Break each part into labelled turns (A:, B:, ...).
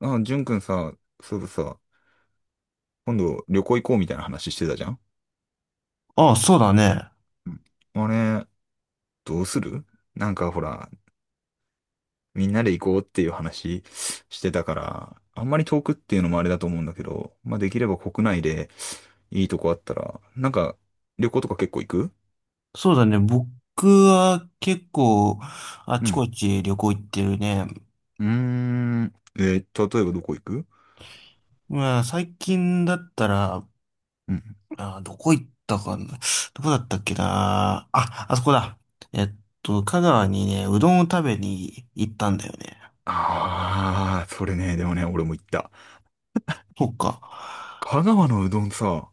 A: あ、ジュン君さ、そうださ、今度旅行行こうみたいな話してたじゃん。
B: ああ、そうだね。
A: うん。あれ、どうする？なんかほら、みんなで行こうっていう話してたから、あんまり遠くっていうのもあれだと思うんだけど、まあできれば国内でいいとこあったら、なんか旅行とか結構行く？
B: そうだね。僕は結構あ
A: う
B: ち
A: ん。
B: こち旅行行ってるね。
A: うーん。例えばどこ行く？
B: まあ最近だったら、
A: うん。
B: どこ行ったかな。どこだったっけな。あ、あそこだ。えっ香川にね、うどんを食べに行ったんだよね。
A: ああ、それね、でもね、俺も行った。
B: そっか。
A: 香川のうどんさ、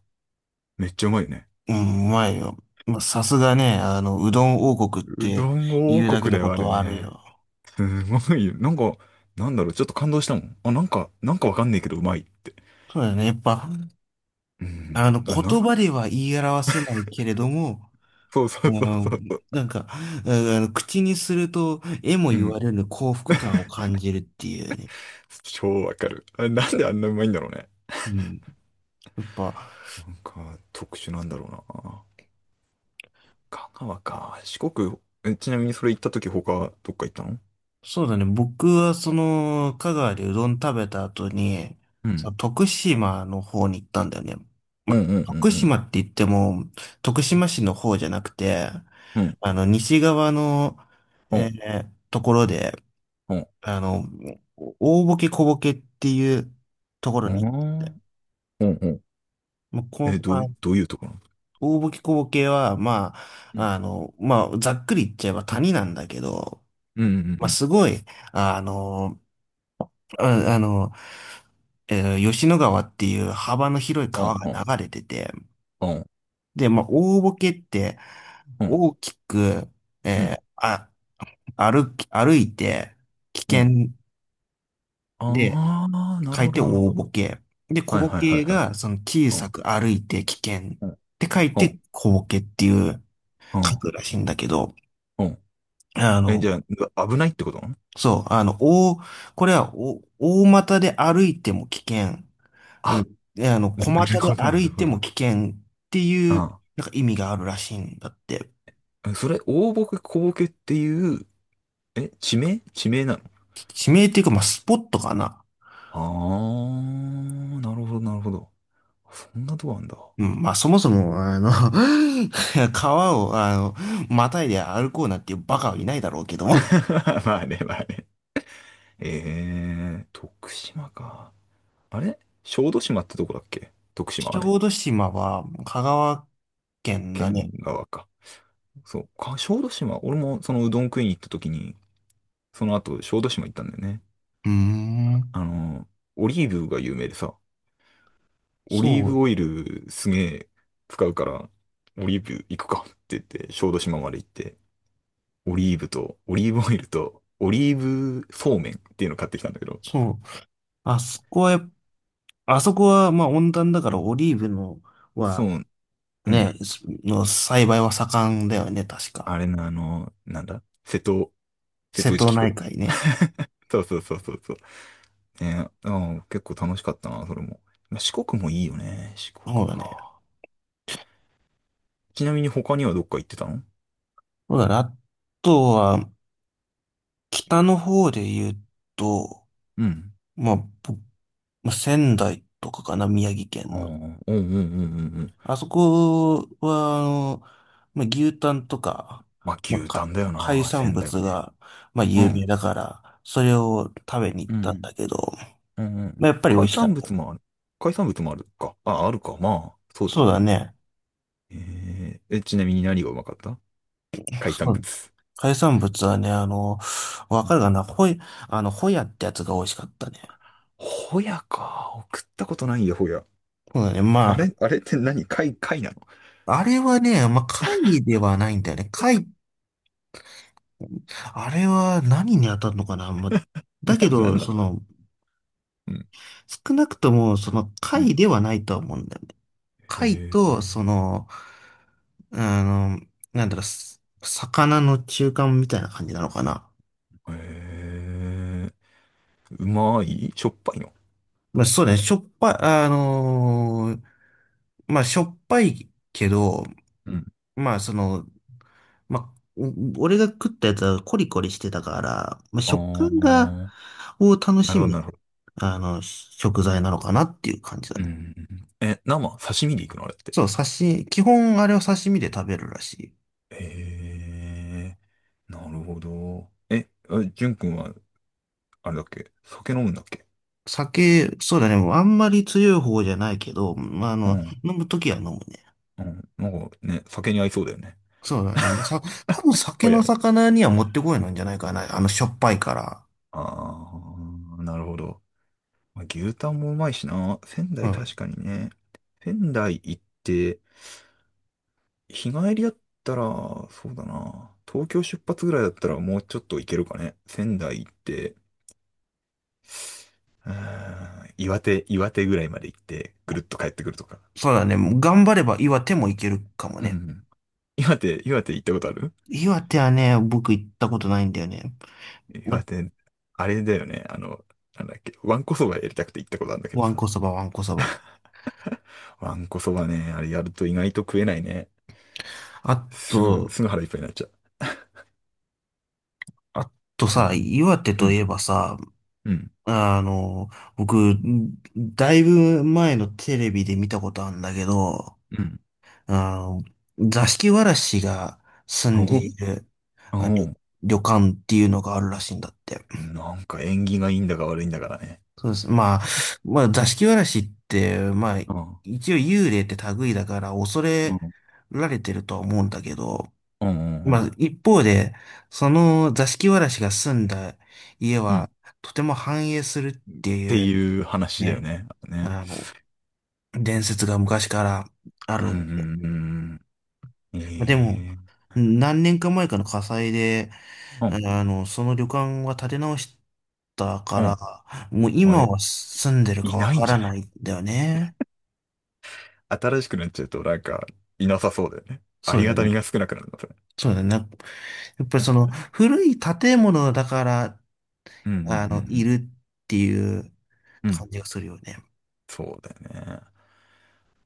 A: めっちゃうまいよね。
B: うん、うまいよ。まあ、さすがね、うどん王国っ
A: う
B: て
A: どん王
B: 言うだけ
A: 国
B: の
A: で
B: こ
A: はあ
B: と
A: る
B: はある
A: ね。
B: よ。
A: すごいよ。なんか、なんだろう、ちょっと感動したもん。あ、なんか、わかんねえけど、うまいって。
B: そうだよね。やっぱ、
A: うん。あ、
B: 言葉では言い表せないけれども、
A: そうそ
B: う
A: うそうそう
B: ん、
A: そう。
B: なんか、う口にすると、絵も
A: う
B: 言
A: ん。
B: われるの幸福感を感じるっていうね。
A: 超わかる。あ、なんであんなうまいんだろうね。
B: うん。やっぱ、
A: なんか、特殊なんだろうな。香川か。四国、ちなみにそれ行った時他、どっか行ったの？
B: そうだね。僕は、その、香川でうどん食べた後に、
A: う
B: そ
A: ん。
B: の徳島の方に行ったんだよね。
A: うん
B: ま、
A: うん
B: 徳
A: うん
B: 島って言っても、徳島市の方じゃなくて、
A: うん。うん。
B: 西側の、
A: う
B: え
A: ん。
B: ーところで、
A: うん。
B: あの、大ボケ小ボケっていうところ
A: あ
B: に行っ
A: ー
B: て、
A: うんうん。
B: もうこ
A: え、
B: う、
A: ど
B: あ
A: う、どういうところ？
B: 大ボキ小ボケは、
A: うん。
B: まあ、ざっくり言っちゃえば谷なんだけど、
A: うんうんうん
B: ま
A: う
B: あ、
A: ん。
B: すごい、あの、あ、あの、吉野川っていう幅の広い
A: う
B: 川が
A: ん
B: 流れてて、
A: うん
B: で、まあ、大ボケって
A: うんうん。
B: 大きく、
A: う
B: え
A: ん
B: ーあ、歩いて危
A: うん。
B: 険で
A: ああ、な
B: 書
A: るほ
B: い
A: ど
B: て
A: なるほ
B: 大
A: ど。
B: ボケ。で、小
A: はい
B: ボ
A: はいは
B: ケ
A: いはい。
B: がその小さく歩いて危険っ
A: うん。うん。
B: て書い
A: う
B: て
A: ん。
B: 小ボケっていう
A: う
B: 書
A: ん。
B: くらしいんだけど、あ
A: え、じ
B: の、
A: ゃあ、危ないってこと？
B: そう、あの、大、これはお大股で歩いても危険。う
A: あ、
B: ん。で、
A: な
B: 小
A: る
B: 股で
A: ほど、な
B: 歩
A: る
B: い
A: ほ
B: ても
A: ど。
B: 危険っていう、
A: あ
B: なんか意味があるらしいんだって。
A: あ。それ、大ボケ、小ボケっていう、え、地名なの？
B: 地名っていうか、まあ、スポットかな。
A: ああー、なるほど、なるほど。そんなとこあんだ。
B: うん、まあ、そもそも、あの 川を、あの、またいで歩こうなんていうバカはいないだろうけども。
A: まあね、まあね。徳島か。あれ、小豆島ってとこだっけ、徳島、あ
B: 小
A: れ？
B: 豆島は、香川県だね。
A: 県側か。そう。小豆島。俺もそのうどん食いに行った時に、その後、小豆島行ったんだよね。
B: うーん。
A: あの、オリーブが有名でさ、オ
B: そ
A: リーブ
B: う、
A: オイルすげえ使うから、オリーブ行くかって言って、小豆島まで行って、オリーブと、オリーブオイルと、オリーブそうめんっていうのを買ってきたんだけど、
B: そう。あそこはやっあそこは、まあ、温暖だからオリーブの、
A: そ
B: は、
A: う、うん。
B: ね、の栽培は盛んだよね、確
A: あ
B: か。
A: れな、あの、なんだ瀬
B: 瀬
A: 戸内
B: 戸
A: 機
B: 内
A: 構。
B: 海ね。
A: そうそうそうそうそう。ね、あ、結構楽しかったな、それも。まあ四国もいいよね、四国
B: そうだね。
A: か。ちなみに他にはどっか行ってたの？
B: そうだね。あとは、北の方で言うと、
A: うん。
B: まあ、ぼまあ仙台とかかな、宮城県
A: ああ、う
B: の。
A: んうんうんうんうん。
B: あそこは、まあ、牛タンとか、
A: まあ、
B: まあ、
A: 牛タ
B: か
A: ンだよ
B: 海
A: な、
B: 産
A: 仙台は
B: 物
A: ね。
B: が、まあ、
A: う
B: 有名
A: ん。
B: だから、それを食べに行っ
A: う
B: たん
A: ん。
B: だけど、
A: うん。うん、
B: まあ、やっぱり美
A: 海
B: 味しか
A: 産
B: っ
A: 物
B: た。
A: もある。海産物もあるか。あ、あるか。まあ、そうだよ
B: そうだ
A: ね。
B: ね。
A: ちなみに何がうまかった、海産
B: そう、
A: 物？
B: 海産物はね、あの、わかるかなホイ、あの、ホヤってやつが美味しかったね。
A: ホヤか。送ったことないよ、ホヤ。
B: そうだね。ま
A: あ
B: あ、
A: れ、あれって何貝なの？
B: あれはね、まあ、貝ではないんだよね。貝、あれは何に当たるのかな、まあ、だ
A: な、
B: け
A: な
B: ど、
A: んな
B: そ
A: の
B: の、
A: うん。
B: 少なくとも、その、
A: うん。へ
B: 貝ではないとは思うんだよね。
A: え。
B: 貝と、その、あの、なんだろう、す魚の中間みたいな感じなのかな。
A: へえ。うまい、しょっぱいの？
B: まあ、そうね、しょっぱい、あのーまあ、しょっぱいけど、
A: うん。
B: まあ、その、まあ、お俺が食ったやつはコリコリしてたから、まあ、
A: あ
B: 食感が、
A: あ、
B: を楽
A: な
B: し
A: るほど、
B: み、
A: なるほど。
B: あの、食材なのかなっていう感じだ
A: う
B: ね。
A: ん。え、刺身でいくのあれって。
B: そう、刺身、基本あれは刺身で食べるらしい。
A: へえ、なるほど。え、あ、じゅんくんは、あれだっけ酒飲むんだっけ？
B: 酒、そうだね、もうあんまり強い方じゃないけど、まあ、あ
A: う
B: の、
A: ん。
B: 飲むときは飲むね。
A: うん。なんかね、酒に合いそうだよね。
B: そうだね、もうさ、多分酒
A: そうや
B: の
A: ね。
B: 魚にはもってこいなんじゃないかな。あの、しょっぱいから。
A: ああ、なるほど。まあ、牛タンもうまいしな。仙
B: う
A: 台
B: ん。
A: 確かにね。仙台行って、日帰りだったら、そうだな。東京出発ぐらいだったらもうちょっと行けるかね。仙台行って、うー岩手ぐらいまで行って、ぐるっと帰ってくるとか。
B: そうだね、もう頑張れば岩手もいけるかも
A: う
B: ね。
A: ん。岩手、岩手行ったことある？
B: 岩手はね、僕行ったことないんだよね。
A: 岩手、あれだよね。あの、なんだっけ、わんこそばやりたくて行ったことあるんだけどさ。
B: わんこそば。
A: わんこそばね、あれやると意外と食えないね。
B: あ
A: すぐ、
B: と、
A: すぐ腹いっぱいになっちゃう。
B: あと
A: う
B: さ、
A: ん。
B: 岩手
A: う
B: とい
A: ん。
B: えばさ、
A: うん。
B: あの、僕、だいぶ前のテレビで見たことあるんだけど、
A: うん。
B: あの、座敷わらしが住んでい
A: お
B: る、
A: お
B: あ、旅
A: う。
B: 旅館っていうのがあるらしいんだって。
A: なんか縁起がいいんだか悪いんだからね。
B: そうです。まあ、座敷わらしって、まあ、
A: うん。
B: 一応幽霊って類だから恐
A: う
B: れ
A: ん。
B: られてるとは思うんだけど、
A: うん。う
B: まあ、
A: ん。
B: 一方で、その座敷わらしが住んだ家
A: うん、っ
B: は、とても繁栄する、
A: ていう話だよ
B: ね、
A: ね。あとね。
B: あの、伝説が昔からあ
A: うん。う
B: る。
A: ん。うん。
B: まあ、でも、何年か前かの火災で、
A: うん。
B: あの、その旅館は建て直したか
A: うん。
B: ら、もう
A: あ
B: 今
A: え、
B: は住んでる
A: い
B: かわ
A: ないん
B: か
A: じ
B: ら
A: ゃない？
B: ないんだよね。
A: 新しくなっちゃうとなんか、いなさそうだよね。あ
B: そう
A: り
B: だよ
A: がたみ
B: ね。
A: が少なくなるの。
B: そうだよね。やっぱりその古い建物だから、
A: うんうんう
B: あの、い
A: ん
B: るっていう
A: うん。うん。
B: 感じがするよね。
A: そうだよね。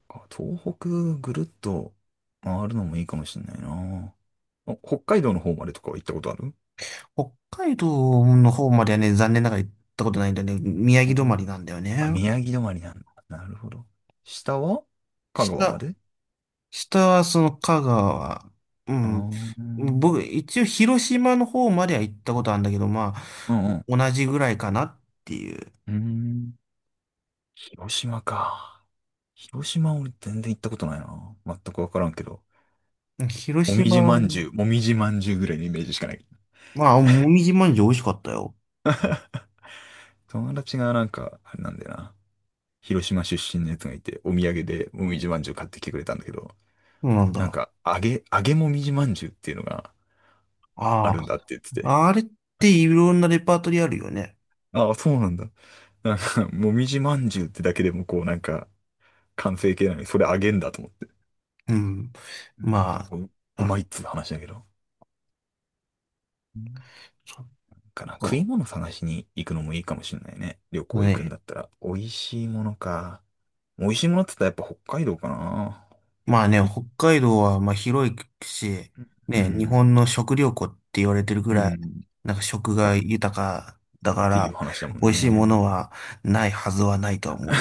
A: あ、東北ぐるっと回るのもいいかもしれないな。あ、北海道の方までとかは行ったことある？
B: 北海道の方まではね、残念ながら行ったことないんだよね。宮
A: う
B: 城止ま
A: ん。
B: りなんだよ
A: あ、
B: ね。
A: 宮城止まりなんだ。なるほど。下は香川ま
B: 下、
A: で？
B: 下はその香川。う
A: あ
B: ん。
A: ーうん
B: 僕、一応広島の方までは行ったことあるんだけど、ま
A: う
B: あ、
A: ん
B: 同じぐらいかなっていう。
A: うん。広島か。広島俺全然行ったことないな。全くわからんけど。
B: 広
A: もみ
B: 島
A: じ
B: は、
A: まんじゅう、もみじまんじゅうぐらいのイメージしかない。
B: まあ、もみじまんじゅう美味しかったよ。
A: 友達がなんか、あれなんだよな。広島出身のやつがいて、お土産でもみじまんじゅう買ってきてくれたんだけど、
B: そうなん
A: なん
B: だ。
A: か、揚げもみじまんじゅうっていうのがあ
B: あ
A: るんだって言ってて、
B: あ、あれっていろんなレパートリーあるよね。
A: ああ、そうなんだ。なんか、もみじまんじゅうってだけでもこう、なんか、完成形なのに、それ揚げんだと思って。
B: うん。
A: うん、な
B: ま
A: んか
B: あ、
A: うまい
B: あ、
A: っつう話だけど。うん、
B: そっ
A: かな、食い
B: か。
A: 物探しに行くのもいいかもしれないね。旅行行くん
B: ね。
A: だったら。美味しいものか。美味しいものって言ったらやっぱ北海道かな。
B: まあね、
A: い
B: 北海道はまあ広いし、
A: う
B: ね、日
A: ん。
B: 本の食料庫って言われてるぐ
A: う
B: らい、
A: ん。っ
B: なんか食が豊かだか
A: ていう
B: ら、
A: 話だも
B: 美
A: ん
B: 味しいもの
A: ね。
B: はないはずはないとは思う。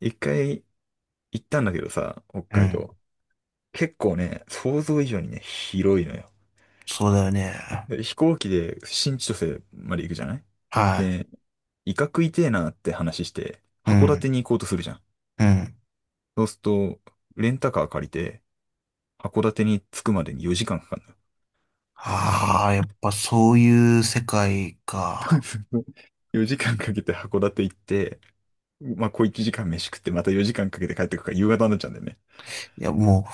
A: 一回行ったんだけどさ、北
B: う
A: 海
B: ん。
A: 道。結構ね、想像以上にね、広いのよ。
B: そうだよね。
A: で、飛行機で新千歳まで行くじゃない？
B: は
A: で、イカ食いてえなって話して、
B: い。う
A: 函館
B: ん。
A: に行こうとするじゃん。
B: うん。
A: そうすると、レンタカー借りて、函館に着くまでに4時間かかるのよ。
B: ああ、やっぱそういう世界か。
A: 4時間かけて函館行って、まあ、小1時間飯食って、また4時間かけて帰ってくるから夕方になっちゃうんだよね。
B: いや、も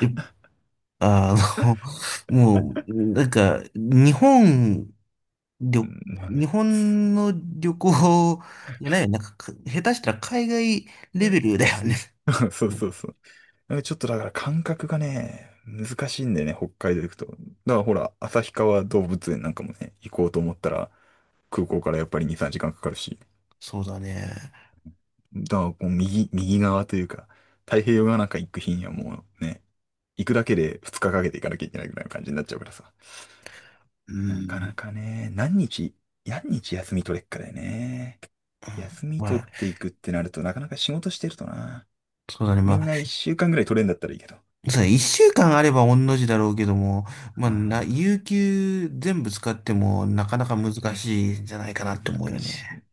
B: う、いあの、もう、なんか、り
A: う
B: ょ
A: ん、まあ
B: 日
A: ね。
B: 本の旅行じゃないよ。なんか、か下手したら海外レベル だよね。
A: そう そうそう。ちょっとだから感覚がね、難しいんだよね、北海道行くと。だからほら、旭川動物園なんかもね、行こうと思ったら、空港からやっぱり2、3時間かんかかるし。
B: そうだね。
A: だからこう、右側というか、太平洋側なんか行く日にはもうね、行くだけで2日かかけて行かなきゃいけないぐらいの感じになっちゃうからさ。
B: う
A: なか
B: ん。
A: なかね、何日休み取れっかだよね。休み
B: ま
A: 取っ
B: あ、
A: ていくってなると、なかなか仕事してるとな。
B: そうだね。ま
A: みん
B: あ、
A: な1週間ぐらい取れんだったらいいけど。
B: そうだね。一週間あれば御の字だろうけども、まあ、な、
A: あ、
B: 有給全部使ってもなかなか難しいんじゃないかなって思うよ
A: 難し
B: ね。
A: い。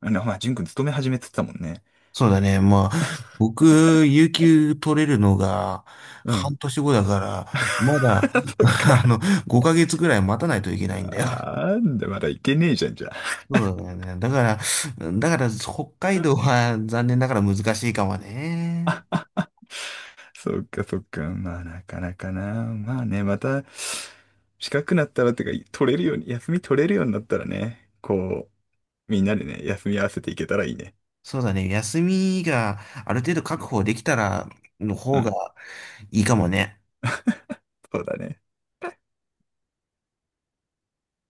A: あの、まあ、淳君勤め始めてたもんね。
B: そうだね。まあ、僕、有給取れるのが
A: う
B: 半
A: ん。
B: 年後だから、ま だ、
A: そっか。
B: あの、5ヶ月ぐらい待たないといけないんだよ。
A: なんだ、まだいけねえじゃん、じゃあ。
B: そうだよね。だから、北海道は残念ながら難しいかもね。
A: そっか、そっか。まあ、なかなかな。まあね、また、近くなったらってか、取れるように、休み取れるようになったらね、こう、みんなでね、休み合わせていけたらいいね。
B: そうだね。休みがある程度
A: う
B: 確
A: ん、
B: 保できたらの
A: う
B: 方が
A: ん、
B: いいかもね。
A: そうだね。